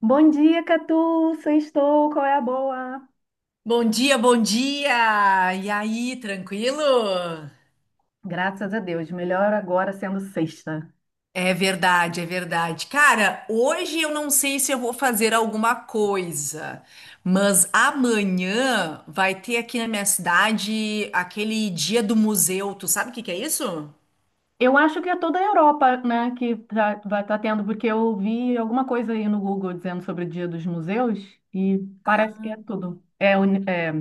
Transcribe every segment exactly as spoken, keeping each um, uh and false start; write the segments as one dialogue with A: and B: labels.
A: Bom dia, Catu! Sextou, qual é a boa?
B: Bom dia, bom dia! E aí, tranquilo?
A: Graças a Deus, melhor agora sendo sexta.
B: É verdade, é verdade. Cara, hoje eu não sei se eu vou fazer alguma coisa, mas amanhã vai ter aqui na minha cidade aquele dia do museu. Tu sabe o que que é isso?
A: Eu acho que é toda a Europa, né, que tá, vai estar tendo, porque eu vi alguma coisa aí no Google dizendo sobre o Dia dos Museus e parece que é tudo. É, uni- é,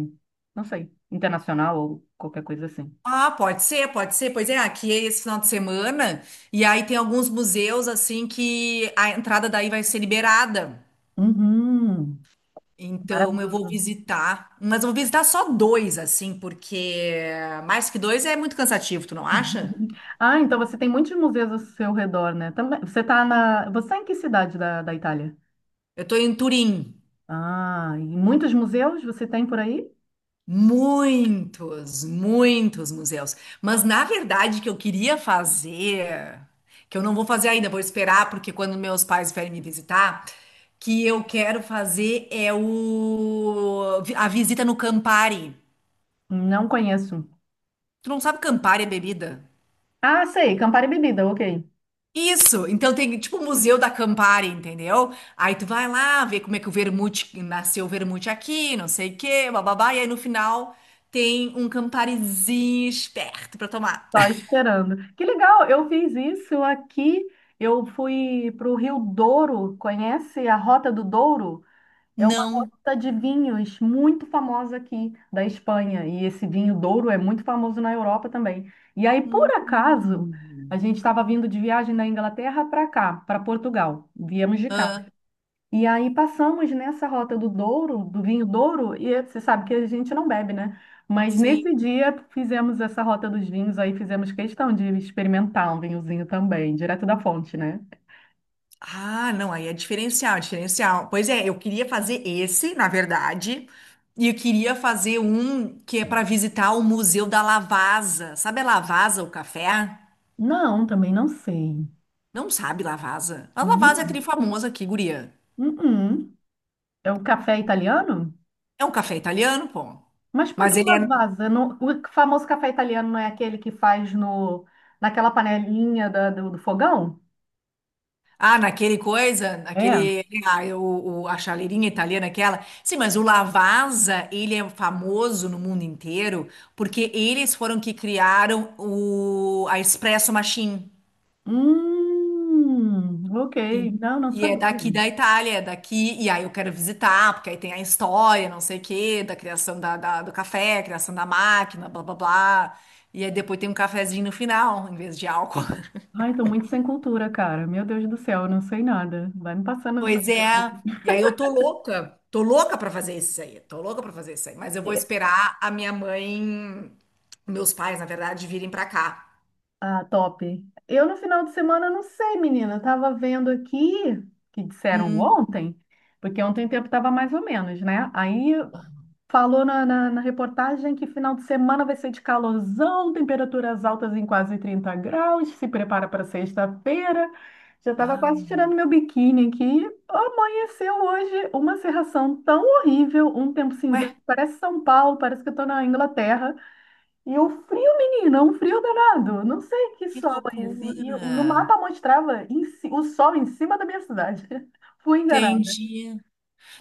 A: não sei, internacional ou qualquer coisa assim.
B: Ah, pode ser, pode ser. Pois é, aqui é esse final de semana. E aí tem alguns museus assim que a entrada daí vai ser liberada.
A: Uhum,
B: Então eu vou
A: maravilhoso.
B: visitar, mas eu vou visitar só dois, assim, porque mais que dois é muito cansativo, tu não acha?
A: Ah, então você tem muitos museus ao seu redor, né? Também, você tá na, você tá em que cidade da, da Itália?
B: Eu tô em Turim,
A: Ah, e muitos museus você tem por aí?
B: muitos, muitos museus. Mas na verdade que eu queria fazer, que eu não vou fazer ainda, vou esperar, porque quando meus pais vierem me visitar, que eu quero fazer é o a visita no Campari.
A: Não conheço.
B: Tu não sabe Campari é bebida?
A: Ah, sei, Campari Bebida, ok.
B: Isso, então tem tipo o Museu da Campari, entendeu? Aí tu vai lá ver como é que o vermute nasceu o vermute aqui, não sei o quê, bababá, e aí no final tem um Camparizinho esperto pra tomar.
A: Só esperando. Que legal, eu fiz isso aqui. Eu fui para o Rio Douro, conhece a Rota do Douro? É uma
B: Não.
A: rota de vinhos muito famosa aqui da Espanha. E esse vinho Douro é muito famoso na Europa também. E aí, por acaso, a
B: Hum.
A: gente estava vindo de viagem da Inglaterra para cá, para Portugal. Viemos de carro.
B: Ah,
A: E aí passamos nessa rota do Douro, do vinho Douro, e é, você sabe que a gente não bebe, né? Mas
B: sim.
A: nesse dia fizemos essa rota dos vinhos, aí fizemos questão de experimentar um vinhozinho também, direto da fonte, né?
B: Ah, não, aí é diferencial, é diferencial. Pois é, eu queria fazer esse, na verdade, e eu queria fazer um que é para visitar o Museu da Lavasa. Sabe a Lavazza, o café?
A: Não, também não sei.
B: Não sabe Lavazza. A Lavazza é
A: Não.
B: trifamosa aqui, guria.
A: Uhum. É o café italiano?
B: É um café italiano, pô.
A: Mas por que
B: Mas ele
A: na
B: é.
A: Não- o famoso café italiano não é aquele que faz no, naquela panelinha da- do do fogão?
B: Ah, naquele coisa,
A: É.
B: naquele. Ah, o, o- a chaleirinha italiana, aquela. Sim, mas o Lavazza, ele é famoso no mundo inteiro porque eles foram que criaram o, a Espresso Machine.
A: Hum, ok.
B: E,
A: Não, não
B: e é
A: sabia.
B: daqui da Itália, é daqui, e aí eu quero visitar, porque aí tem a história, não sei o quê, da criação da, da- do café, criação da máquina, blá blá blá. E aí depois tem um cafezinho no final, em vez de álcool.
A: Ai, tô muito sem cultura, cara. Meu Deus do céu, eu não sei nada. Vai me passando as
B: Pois é.
A: ideias.
B: E aí eu tô louca, tô louca pra fazer isso aí, tô louca pra fazer isso aí. Mas eu vou esperar a minha mãe, meus pais, na verdade, virem pra cá.
A: Ah, top. Eu no final de semana não sei, menina. Eu tava vendo aqui que disseram
B: Hum.
A: ontem, porque ontem o tempo tava mais ou menos, né? Aí falou na, na, na reportagem que final de semana vai ser de calorzão, temperaturas altas em quase trinta graus. Se prepara para sexta-feira. Já tava
B: Ah,
A: quase tirando meu biquíni aqui. Amanheceu hoje uma cerração tão horrível, um tempo cinzento.
B: ué,
A: Parece São Paulo, parece que eu tô na Inglaterra. E o frio, menina, um frio danado. Não sei que
B: que
A: sol é esse.
B: loucura.
A: E no mapa mostrava em ci- o sol em cima da minha cidade. Fui enganada.
B: Entendi.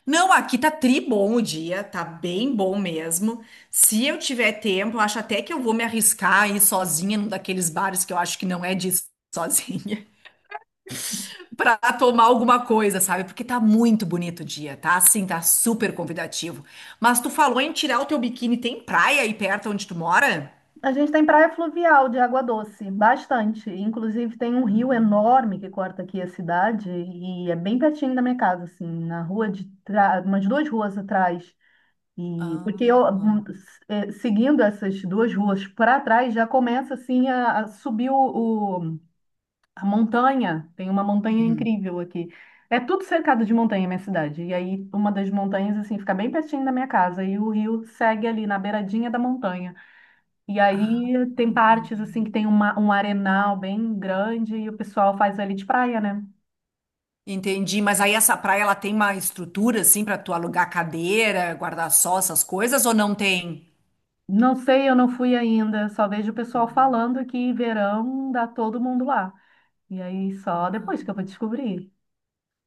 B: Não, aqui tá tri bom o dia, tá bem bom mesmo. Se eu tiver tempo, eu acho até que eu vou me arriscar a ir sozinha num daqueles bares que eu acho que não é de ir sozinha, pra tomar alguma coisa, sabe? Porque tá muito bonito o dia, tá? Assim, tá super convidativo. Mas tu falou em tirar o teu biquíni, tem praia aí perto onde tu mora?
A: A gente tem praia fluvial de água doce, bastante. Inclusive tem um rio enorme que corta aqui a cidade e é bem pertinho da minha casa, assim, na rua de trás, umas duas ruas atrás. E porque eu
B: Ah,
A: hum, s- eh, seguindo essas duas ruas para trás já começa assim a, a subir o a montanha, tem uma montanha
B: uhum.
A: incrível aqui. É tudo cercado de montanha, minha cidade. E aí, uma das montanhas, assim, fica bem pertinho da minha casa. E o rio segue ali na beiradinha da montanha. E
B: Ah,
A: aí, tem partes,
B: entendi.
A: assim, que tem uma, um arenal bem grande e o pessoal faz ali de praia, né?
B: Entendi, mas aí essa praia ela tem uma estrutura assim pra tu alugar cadeira, guarda-sol, essas coisas ou não tem?
A: Não sei, eu não fui ainda. Só vejo o pessoal falando que verão dá todo mundo lá. E aí, só
B: Ah,
A: depois que eu vou descobrir.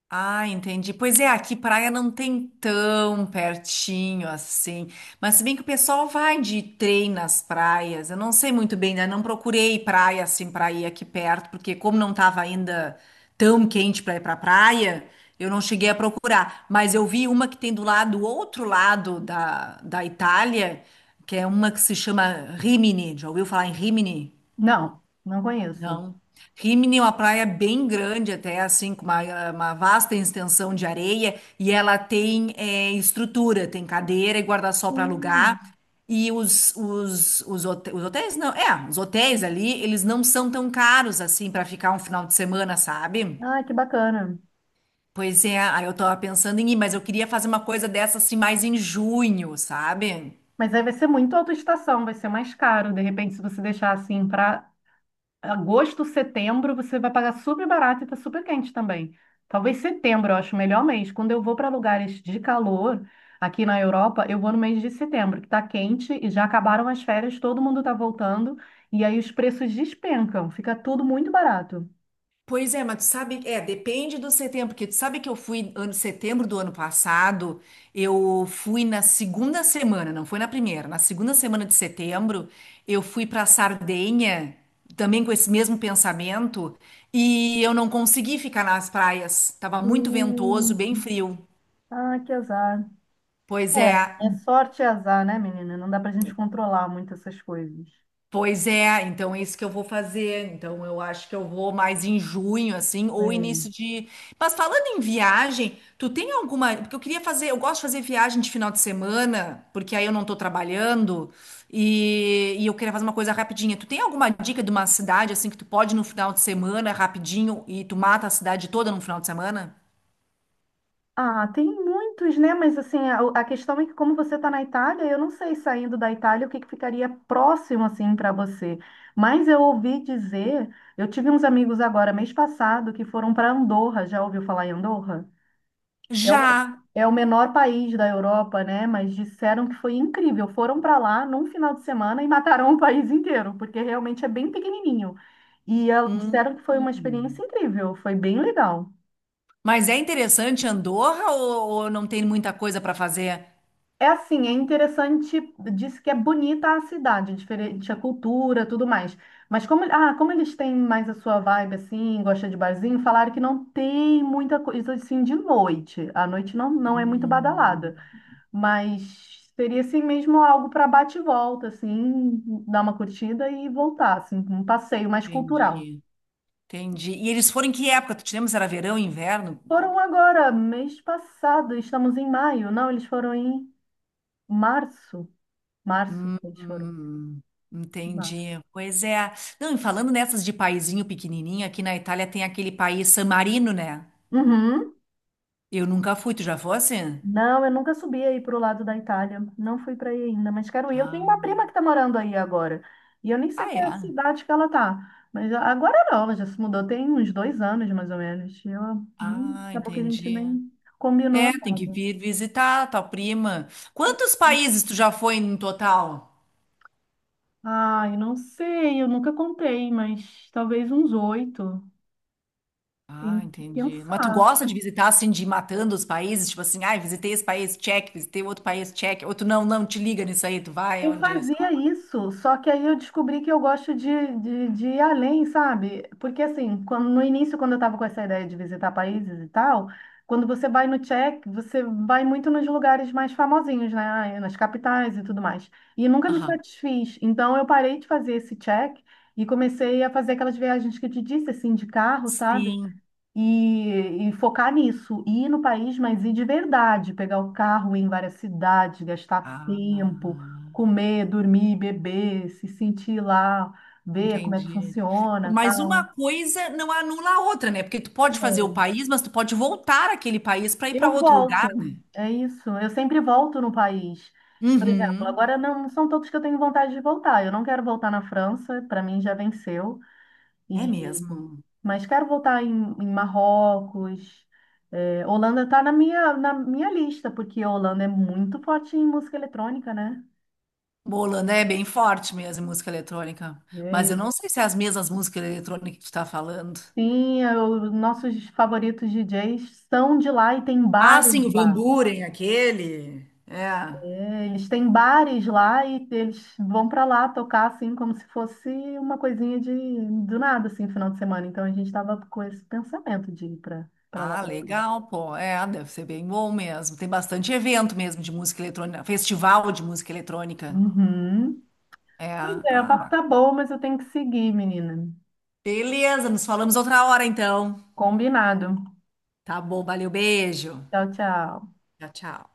B: ah, entendi. Pois é, aqui praia não tem tão pertinho assim. Mas se bem que o pessoal vai de trem nas praias. Eu não sei muito bem, né? Não procurei praia assim pra ir aqui perto, porque como não tava ainda tão quente pra ir pra praia, eu não cheguei a procurar. Mas eu vi uma que tem do lado, do outro lado da, da Itália, que é uma que se chama Rimini. Já ouviu falar em Rimini?
A: Não, não conheço.
B: Não. Rimini é uma praia bem grande, até assim, com uma, uma vasta extensão de areia, e ela tem eh, estrutura, tem cadeira e guarda-sol para
A: Hum.
B: alugar. E os, os, os, hote- os hotéis, não, é, os hotéis ali, eles não são tão caros assim para ficar um final de semana, sabe?
A: Ai, que bacana.
B: Pois é, aí eu tava pensando em ir, mas eu queria fazer uma coisa dessa assim mais em junho, sabe?
A: Mas aí vai ser muito autoestação, vai ser mais caro. De repente, se você deixar assim para agosto, setembro, você vai pagar super barato e tá super quente também. Talvez setembro, eu acho o melhor mês. Quando eu vou para lugares de calor aqui na Europa, eu vou no mês de setembro, que tá quente e já acabaram as férias, todo mundo tá voltando e aí os preços despencam, fica tudo muito barato.
B: Pois é, mas tu sabe, é, depende do setembro, porque tu sabe que eu fui ano setembro do ano passado, eu fui na segunda semana, não foi na primeira, na segunda semana de setembro, eu fui para Sardenha, também com esse mesmo pensamento, e eu não consegui ficar nas praias, tava muito ventoso,
A: Hum,
B: bem frio.
A: ah, que azar.
B: Pois é,
A: É, é sorte e azar, né, menina? Não dá pra gente controlar muito essas coisas.
B: pois é, então é isso que eu vou fazer. Então eu acho que eu vou mais em junho, assim, ou
A: É.
B: início de. Mas falando em viagem, tu tem alguma. Porque eu queria fazer, eu gosto de fazer viagem de final de semana, porque aí eu não tô trabalhando, e, e eu queria fazer uma coisa rapidinha. Tu tem alguma dica de uma cidade, assim, que tu pode ir no final de semana, rapidinho, e tu mata a cidade toda no final de semana?
A: Ah, tem muitos, né? Mas assim, a, a questão é que como você está na Itália, eu não sei saindo da Itália o que, que ficaria próximo assim para você. Mas eu ouvi dizer, eu tive uns amigos agora mês passado que foram para Andorra. Já ouviu falar em Andorra? É o,
B: Já.
A: é o menor país da Europa, né? Mas disseram que foi incrível. Foram para lá num final de semana e mataram o país inteiro, porque realmente é bem pequenininho. E ah,
B: Hum.
A: disseram que foi uma experiência
B: Hum.
A: incrível, foi bem legal.
B: Mas é interessante Andorra ou, ou não tem muita coisa pra fazer?
A: É assim, é interessante, disse que é bonita a cidade, diferente a cultura, tudo mais. Mas como, ah, como eles têm mais a sua vibe assim, gosta de barzinho, falaram que não tem muita coisa assim de noite. A noite não, não é muito
B: Hum.
A: badalada, mas seria assim mesmo algo para bate e volta, assim, dar uma curtida e voltar, assim, um passeio mais cultural.
B: Entendi, entendi. E eles foram em que época? Tu te lembra se era verão, inverno?
A: Foram agora, mês passado, estamos em maio. Não, eles foram em março. Março,
B: Hum,
A: eles foram.
B: hum,
A: Em março.
B: entendi. Pois é. Não, e falando nessas de paizinho pequenininho, aqui na Itália tem aquele país San Marino, né?
A: Uhum.
B: Eu nunca fui, tu já fosse?
A: Não, eu nunca subi aí para o lado da Itália. Não fui para aí ainda, mas quero ir. Eu tenho uma
B: Ah,
A: prima que está morando aí agora. E eu nem sei
B: ah,
A: qual é a
B: é.
A: cidade que ela tá. Mas agora não, ela já se mudou tem uns dois anos, mais ou menos. E ela, hum,
B: Ah,
A: daqui a pouco a gente
B: entendi.
A: nem combinou
B: É, tem que
A: nada.
B: vir visitar a tua prima. Quantos países tu já foi no total?
A: Ai, não sei, eu nunca contei, mas talvez uns oito.
B: Ah,
A: Tem que
B: entendi. Mas tu
A: pensar.
B: gosta de visitar assim, de ir matando os países? Tipo assim, ai, visitei esse país, check, visitei outro país, check. Ou tu não, não, te liga nisso aí, tu vai
A: Eu
B: onde, sei lá.
A: fazia isso, só que aí eu descobri que eu gosto de, de, de ir além, sabe? Porque assim, quando, no início, quando eu estava com essa ideia de visitar países e tal, quando você vai no Tchek, você vai muito nos lugares mais famosinhos, né? Nas capitais e tudo mais. E nunca me
B: Aham.
A: satisfiz. Então eu parei de fazer esse check e comecei a fazer aquelas viagens que eu te disse, assim, de carro, sabe?
B: Sim.
A: E, e focar nisso, ir no país, mas ir de verdade, pegar o carro, ir em várias cidades, gastar
B: Ah,
A: tempo, comer, dormir, beber, se sentir lá, ver como é que
B: entendi.
A: funciona,
B: Mas uma
A: tal.
B: coisa não anula a outra, né? Porque tu pode fazer o país, mas tu pode voltar àquele país para ir para
A: Eu
B: outro
A: volto,
B: lugar, né?
A: é isso. Eu sempre volto no país. Por exemplo,
B: Uhum.
A: agora não são todos que eu tenho vontade de voltar. Eu não quero voltar na França, para mim já venceu.
B: É
A: E...
B: mesmo.
A: Mas quero voltar em, em Marrocos. É, Holanda está na minha, na minha lista, porque a Holanda é muito forte em música eletrônica, né?
B: Bola, né? É bem forte mesmo, em música eletrônica.
A: É,
B: Mas eu
A: eu-
B: não sei se é as mesmas músicas eletrônicas que tu tá falando.
A: Sim, é, os nossos favoritos D Js são de lá e tem
B: Ah, sim,
A: bares
B: o Van
A: lá.
B: Buren, aquele. É.
A: É, eles têm bares lá e eles vão para lá tocar assim como se fosse uma coisinha de do nada assim, final de semana. Então a gente estava com esse pensamento de ir para para lá.
B: Ah,
A: Pra lá.
B: legal, pô. É, deve ser bem bom mesmo. Tem bastante evento mesmo de música eletrônica, festival de música eletrônica.
A: Uhum.
B: É,
A: Pois é, o
B: ah,
A: papo tá
B: bacana.
A: bom, mas eu tenho que seguir, menina.
B: Beleza, nos falamos outra hora então.
A: Combinado.
B: Tá bom, valeu, beijo.
A: Tchau, tchau.
B: Tchau, tchau.